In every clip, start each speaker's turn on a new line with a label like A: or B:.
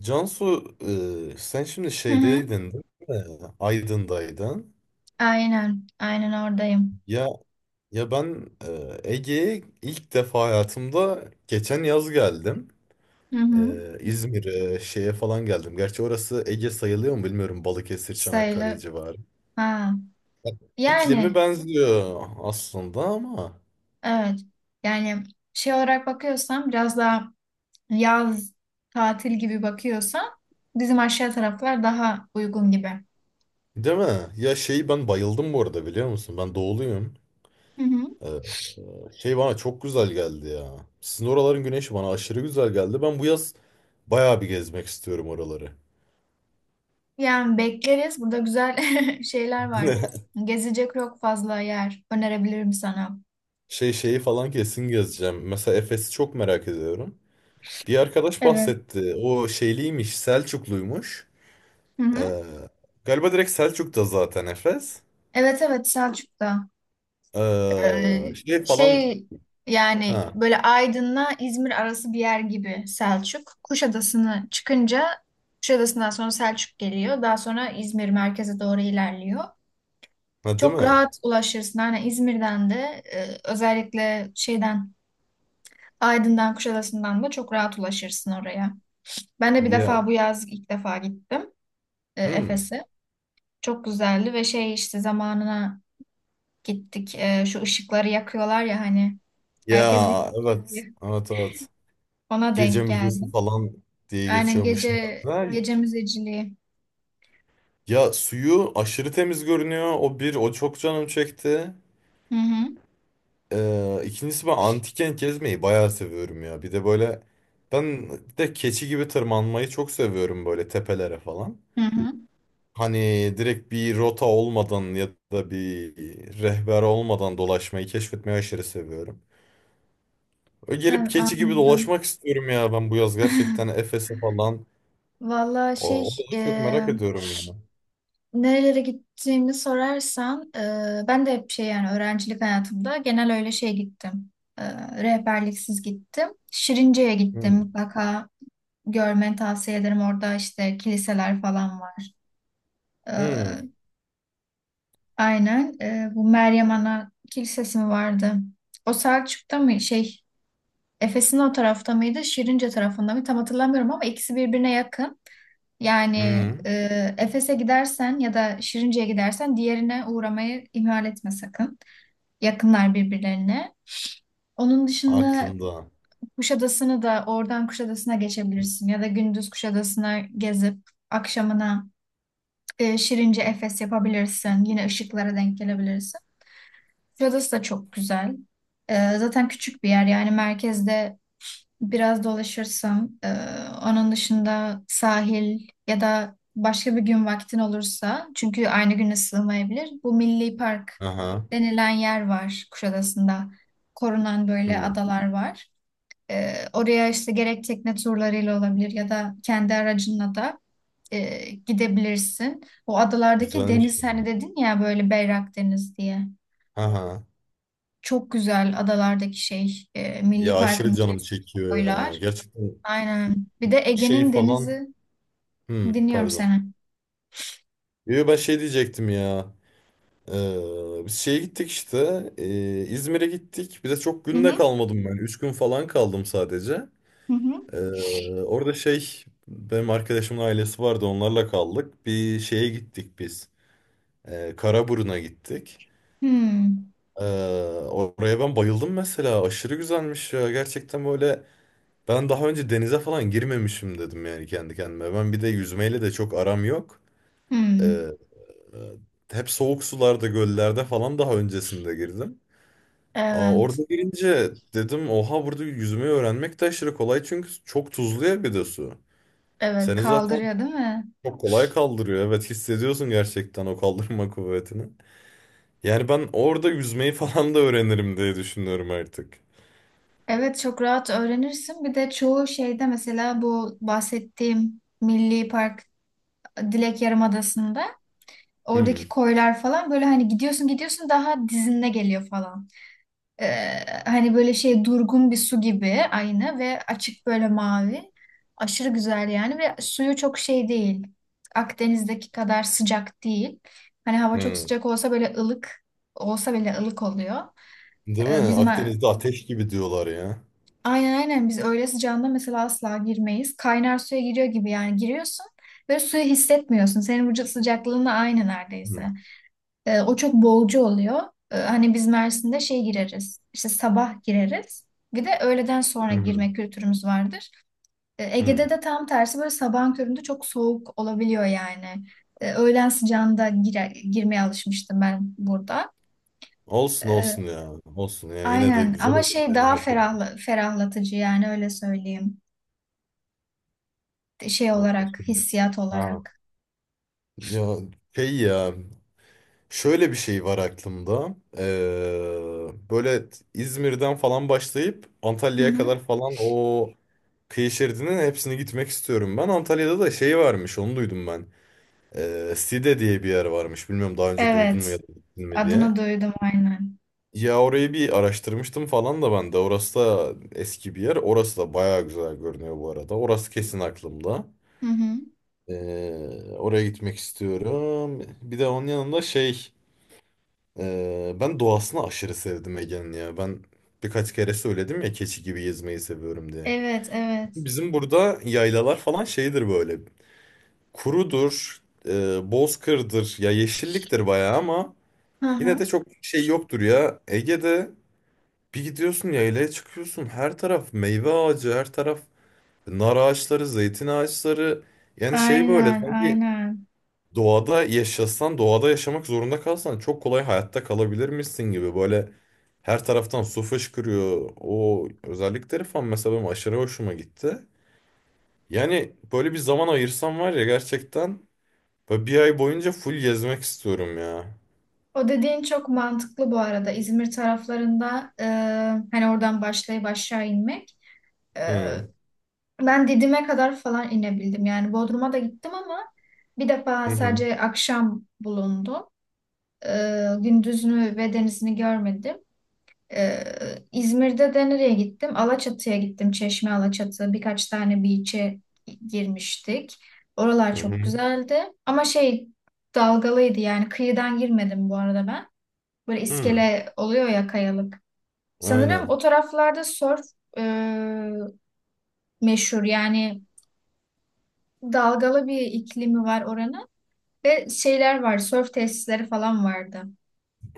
A: Cansu, sen şimdi
B: Hı hı.
A: şeydeydin, değil mi? Aydın'daydın.
B: Aynen. Aynen oradayım.
A: Ya ya ben Ege'ye ilk defa hayatımda geçen yaz geldim.
B: Hı hı.
A: İzmir'e, şeye falan geldim. Gerçi orası Ege sayılıyor mu bilmiyorum. Balıkesir, Çanakkale
B: Sayılır.
A: civarı.
B: Ha.
A: İklimi
B: Yani
A: benziyor aslında ama
B: evet. Yani şey olarak bakıyorsam biraz daha yaz tatil gibi bakıyorsam bizim aşağı taraflar daha uygun gibi.
A: değil mi? Ya şeyi ben bayıldım bu arada biliyor musun? Ben doğuluyum.
B: Hı hı.
A: E, şey bana çok güzel geldi ya. Sizin oraların güneşi bana aşırı güzel geldi. Ben bu yaz bayağı bir gezmek istiyorum oraları.
B: Yani bekleriz. Burada güzel şeyler var. Gezecek çok fazla yer önerebilirim sana.
A: Şey şeyi falan kesin gezeceğim. Mesela Efes'i çok merak ediyorum. Bir arkadaş
B: Evet.
A: bahsetti. O şeyliymiş, Selçukluymuş.
B: Hı hı.
A: Ee, galiba direkt Selçuk'ta zaten Efes.
B: Evet evet Selçuk'ta. Ee,
A: Şey falan...
B: şey yani
A: Ha,
B: böyle Aydın'la İzmir arası bir yer gibi Selçuk. Kuşadası'nı çıkınca Kuşadası'ndan sonra Selçuk geliyor. Daha sonra İzmir merkeze doğru ilerliyor.
A: ha değil
B: Çok
A: mi?
B: rahat ulaşırsın. Hani İzmir'den de özellikle şeyden Aydın'dan Kuşadası'ndan da çok rahat ulaşırsın oraya. Ben de bir
A: Ya,
B: defa bu yaz ilk defa gittim
A: hmm.
B: Efes'e. Çok güzeldi ve şey işte zamanına gittik. Şu ışıkları yakıyorlar ya hani herkes video
A: Ya evet,
B: çekiyor.
A: evet evet.
B: Bana
A: Gece
B: denk geldi.
A: müzesi falan diye
B: Aynen
A: geçiyormuş
B: gece
A: herhalde.
B: gece müzeciliği.
A: Ya suyu aşırı temiz görünüyor. O çok canım çekti.
B: Hı hı.
A: İkincisi ben antiken gezmeyi bayağı seviyorum ya. Bir de böyle ben de keçi gibi tırmanmayı çok seviyorum böyle tepelere falan.
B: Hı hı.
A: Hani direkt bir rota olmadan ya da bir rehber olmadan dolaşmayı keşfetmeyi aşırı seviyorum. Öyle gelip
B: Evet,
A: keçi gibi
B: anladım.
A: dolaşmak istiyorum ya ben bu yaz gerçekten Efes'e falan.
B: Valla
A: O,
B: şey
A: o da çok merak ediyorum yani.
B: nerelere gittiğimi sorarsan ben de hep şey yani öğrencilik hayatımda genel öyle şey gittim. E, Rehberliksiz gittim. Şirince'ye gittim,
A: Hmm.
B: mutlaka görmeni tavsiye ederim. Orada işte kiliseler falan var.
A: Hmm.
B: E, Bu Meryem Ana Kilisesi mi vardı? O Selçuk'ta mı, şey Efes'in o tarafta mıydı, Şirince tarafında mı? Tam hatırlamıyorum ama ikisi birbirine yakın. Yani
A: Hmm.
B: Efes'e gidersen ya da Şirince'ye gidersen diğerine uğramayı ihmal etme sakın. Yakınlar birbirlerine. Onun dışında
A: Aklımda.
B: Kuşadası'nı da oradan Kuşadası'na geçebilirsin ya da gündüz Kuşadası'na gezip akşamına Şirince Efes yapabilirsin. Yine ışıklara denk gelebilirsin. Kuşadası da çok güzel. E, zaten küçük bir yer, yani merkezde biraz dolaşırsam, onun dışında sahil ya da başka bir gün vaktin olursa, çünkü aynı güne sığmayabilir. Bu Milli Park
A: Aha.
B: denilen yer var Kuşadası'nda. Korunan böyle
A: Hmm.
B: adalar var. Oraya işte gerek tekne turlarıyla olabilir ya da kendi aracınla da gidebilirsin. O adalardaki
A: Güzelmiş
B: deniz
A: yani.
B: hani dedin ya böyle berrak deniz diye.
A: Aha.
B: Çok güzel adalardaki şey, Milli
A: Ya aşırı
B: Park'ın
A: canım
B: içerisindeki
A: çekiyor ya.
B: koylar.
A: Gerçekten
B: Aynen. Bir de
A: şey
B: Ege'nin
A: falan.
B: denizi
A: Hmm,
B: dinliyorum
A: pardon.
B: seni.
A: Yo, ben şey diyecektim ya. Biz şeye gittik işte. İzmir'e gittik. Bir de çok
B: Hı
A: günde
B: hı.
A: kalmadım ben. Üç gün falan kaldım sadece.
B: Hı hı.
A: Ee, orada şey benim arkadaşımın ailesi vardı. Onlarla kaldık. Bir şeye gittik biz. Karaburun'a gittik.
B: Hmm.
A: Ee, oraya ben bayıldım mesela. Aşırı güzelmiş ya. Gerçekten böyle ben daha önce denize falan girmemişim dedim yani kendi kendime. Ben bir de yüzmeyle de çok aram yok. Ee,
B: Hmm.
A: e, hep soğuk sularda, göllerde falan daha öncesinde girdim. Aa, orada
B: Evet.
A: girince dedim oha burada yüzmeyi öğrenmek de aşırı kolay çünkü çok tuzlu ya bir de su.
B: Evet.
A: Seni zaten
B: Kaldırıyor değil mi?
A: çok kolay kaldırıyor. Evet hissediyorsun gerçekten o kaldırma kuvvetini. Yani ben orada yüzmeyi falan da öğrenirim diye düşünüyorum artık.
B: Evet, çok rahat öğrenirsin. Bir de çoğu şeyde mesela bu bahsettiğim Milli Park Dilek Yarımadası'nda oradaki
A: Hmm.
B: koylar falan böyle hani gidiyorsun daha dizinde geliyor falan. Ee, Hani böyle şey durgun bir su gibi aynı ve açık böyle mavi. Aşırı güzel yani ve suyu çok şey değil. Akdeniz'deki kadar sıcak değil. Hani hava çok
A: Hmm.
B: sıcak olsa böyle ılık olsa bile ılık oluyor.
A: Değil mi?
B: Biz
A: Akdeniz'de ateş gibi diyorlar ya.
B: aynen aynen biz öyle sıcağında mesela asla girmeyiz. Kaynar suya giriyor gibi yani giriyorsun ve suyu hissetmiyorsun. Senin vücut sıcaklığınla aynı
A: Hmm.
B: neredeyse. O çok boğucu oluyor. Hani biz Mersin'de şey gireriz. İşte sabah gireriz. Bir de öğleden sonra
A: Hmm.
B: girme kültürümüz vardır. Ege'de
A: Hmm.
B: de tam tersi, böyle sabahın köründe çok soğuk olabiliyor yani. Öğlen sıcağında girmeye alışmıştım ben burada.
A: Olsun olsun
B: E,
A: ya. Olsun ya. Yine de
B: aynen
A: güzel
B: ama
A: olur
B: şey
A: yani
B: daha
A: her türlü.
B: ferahlatıcı yani, öyle söyleyeyim. Şey
A: Aa,
B: olarak,
A: şey-
B: hissiyat
A: Ha.
B: olarak.
A: Ya şey ya şöyle bir şey var aklımda. Böyle İzmir'den falan başlayıp
B: Hı
A: Antalya'ya
B: hı.
A: kadar falan o kıyı şeridinin hepsini gitmek istiyorum ben. Antalya'da da şey varmış onu duydum ben. Side diye bir yer varmış. Bilmiyorum daha önce duydun
B: Evet.
A: mu ya da gittin mi diye.
B: Adını duydum aynen.
A: Ya orayı bir araştırmıştım falan da ben de. Orası da eski bir yer. Orası da bayağı güzel görünüyor bu arada. Orası kesin aklımda.
B: Hı hı.
A: Oraya gitmek istiyorum. Bir de onun yanında şey ben doğasını aşırı sevdim Ege'nin ya. Ben birkaç kere söyledim ya keçi gibi gezmeyi seviyorum diye.
B: Evet, evet.
A: Bizim burada yaylalar falan şeydir böyle. Kurudur, bozkırdır, ya yeşilliktir bayağı ama
B: Hı
A: yine
B: hı.
A: de çok şey yoktur ya. Ege'de bir gidiyorsun yaylaya çıkıyorsun her taraf meyve ağacı, her taraf nar ağaçları, zeytin ağaçları. Yani şey böyle
B: Aynen,
A: sanki
B: aynen.
A: doğada yaşasan, doğada yaşamak zorunda kalsan çok kolay hayatta kalabilir misin gibi böyle her taraftan su fışkırıyor. O özellikleri falan mesela benim aşırı hoşuma gitti. Yani böyle bir zaman ayırsam var ya gerçekten böyle bir ay boyunca full gezmek istiyorum ya.
B: O dediğin çok mantıklı bu arada. İzmir taraflarında hani oradan başlayıp aşağı inmek. E,
A: Hı
B: Ben Didim'e kadar falan inebildim. Yani Bodrum'a da gittim ama bir defa
A: hı hı
B: sadece akşam bulundum. E, Gündüzünü ve denizini görmedim. E, İzmir'de de nereye gittim? Alaçatı'ya gittim. Çeşme Alaçatı. Birkaç tane beach'e girmiştik. Oralar
A: hı
B: çok
A: hı.
B: güzeldi. Ama şey dalgalıydı, yani kıyıdan girmedim bu arada ben. Böyle
A: Hı.
B: iskele oluyor ya, kayalık. Sanırım
A: Aynen.
B: o taraflarda surf e, meşhur. Yani dalgalı bir iklimi var oranın. Ve şeyler var, surf tesisleri falan vardı.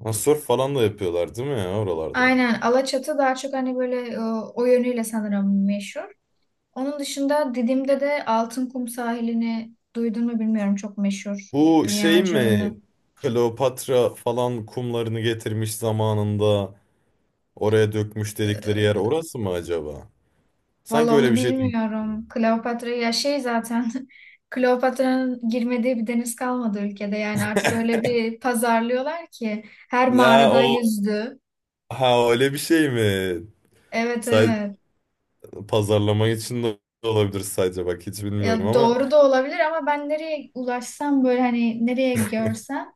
A: Ha, surf falan da yapıyorlar değil mi ya oralarda?
B: Aynen Alaçatı daha çok hani böyle o yönüyle sanırım meşhur. Onun dışında Didim'de de Altınkum sahilini duydun mu bilmiyorum, çok meşhur.
A: Bu şey
B: Dünyaca ünlü.
A: mi? Kleopatra falan kumlarını getirmiş zamanında. Oraya dökmüş dedikleri yer
B: E,
A: orası mı acaba?
B: Valla
A: Sanki öyle
B: onu
A: bir şey duymuştum.
B: bilmiyorum. Kleopatra ya şey zaten Kleopatra'nın girmediği bir deniz kalmadı ülkede. Yani artık öyle bir pazarlıyorlar ki her
A: Ha
B: mağarada
A: o
B: yüzdü.
A: ha öyle bir şey mi?
B: Evet
A: Say
B: evet.
A: pazarlama için de olabilir sadece bak hiç bilmiyorum
B: Ya
A: ama
B: doğru da olabilir ama ben nereye ulaşsam böyle hani nereye görsem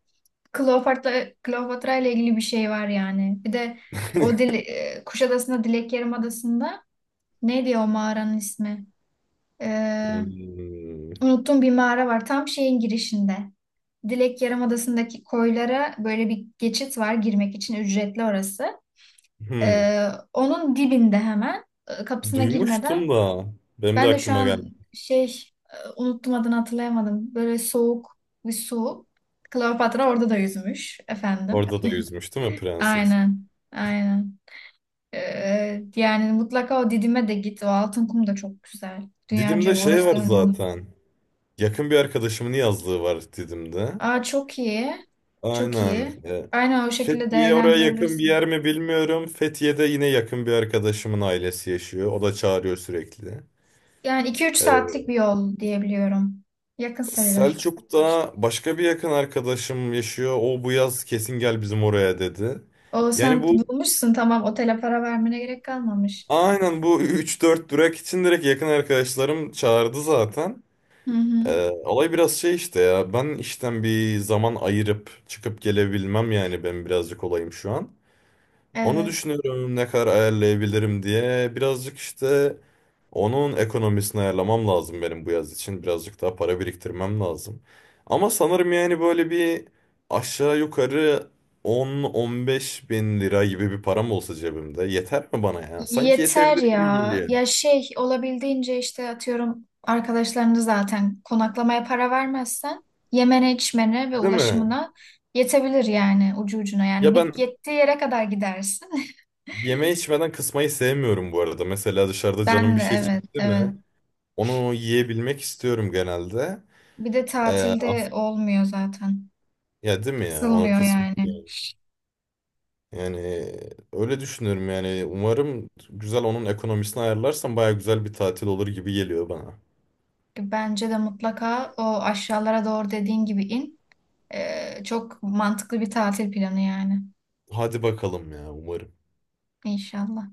B: Kleopatra ile ilgili bir şey var yani. Bir de o dil, Kuşadası'nda Dilek Yarımadası'nda neydi o mağaranın ismi? Ee,
A: Hmm.
B: Unuttuğum bir mağara var tam şeyin girişinde. Dilek Yarımadası'ndaki koylara böyle bir geçit var, girmek için ücretli orası.
A: Hmm.
B: Onun dibinde hemen kapısına girmeden
A: Duymuştum da benim de
B: ben de şu
A: aklıma geldi.
B: an şey unuttum adını, hatırlayamadım. Böyle soğuk bir su. Kleopatra orada da yüzmüş efendim.
A: Orada da yüzmüş değil mi prenses?
B: Aynen. Aynen. Yani mutlaka o Didim'e de git. O altın kum da çok güzel.
A: Didim'de
B: Dünyaca
A: şey
B: orası
A: var zaten. Yakın bir arkadaşımın yazlığı var Didim'de.
B: Aa, çok iyi. Çok
A: Aynen.
B: iyi. Aynen o şekilde
A: Fethiye oraya yakın bir
B: değerlendirebilirsin.
A: yer mi bilmiyorum. Fethiye'de yine yakın bir arkadaşımın ailesi yaşıyor. O da çağırıyor sürekli.
B: Yani iki üç
A: E,
B: saatlik bir yol diyebiliyorum. Yakın sayılır.
A: Selçuk'ta başka bir yakın arkadaşım yaşıyor. O bu yaz kesin gel bizim oraya dedi.
B: O
A: Yani
B: sen
A: bu
B: bulmuşsun, tamam, otele para vermene gerek kalmamış.
A: aynen bu üç dört durak için direkt yakın arkadaşlarım çağırdı zaten.
B: Hı hı.
A: Olay biraz şey işte ya ben işten bir zaman ayırıp çıkıp gelebilmem yani ben birazcık olayım şu an. Onu
B: Evet.
A: düşünüyorum ne kadar ayarlayabilirim diye. Birazcık işte onun ekonomisini ayarlamam lazım benim bu yaz için. Birazcık daha para biriktirmem lazım. Ama sanırım yani böyle bir aşağı yukarı 10-15 bin lira gibi bir param olsa cebimde yeter mi bana ya? Sanki
B: Yeter
A: yetebilir gibi
B: ya.
A: geliyor.
B: Ya şey olabildiğince işte atıyorum arkadaşlarını, zaten konaklamaya para vermezsen yemene, içmene ve
A: Değil mi?
B: ulaşımına yetebilir yani, ucu ucuna yani,
A: Ya
B: bit
A: ben
B: yettiği yere kadar gidersin.
A: yeme içmeden kısmayı sevmiyorum bu arada. Mesela dışarıda canım
B: Ben
A: bir
B: de
A: şey
B: evet
A: çekti
B: evet.
A: mi? Onu yiyebilmek istiyorum genelde.
B: Bir de
A: Ee,
B: tatilde
A: as-
B: olmuyor zaten.
A: ya değil mi ya? Onu
B: Kısılmıyor
A: kısmak.
B: yani.
A: Yani öyle düşünüyorum yani. Umarım güzel onun ekonomisini ayarlarsam baya güzel bir tatil olur gibi geliyor bana.
B: Bence de mutlaka o aşağılara doğru dediğin gibi in. Çok mantıklı bir tatil planı yani.
A: Hadi bakalım ya umarım.
B: İnşallah.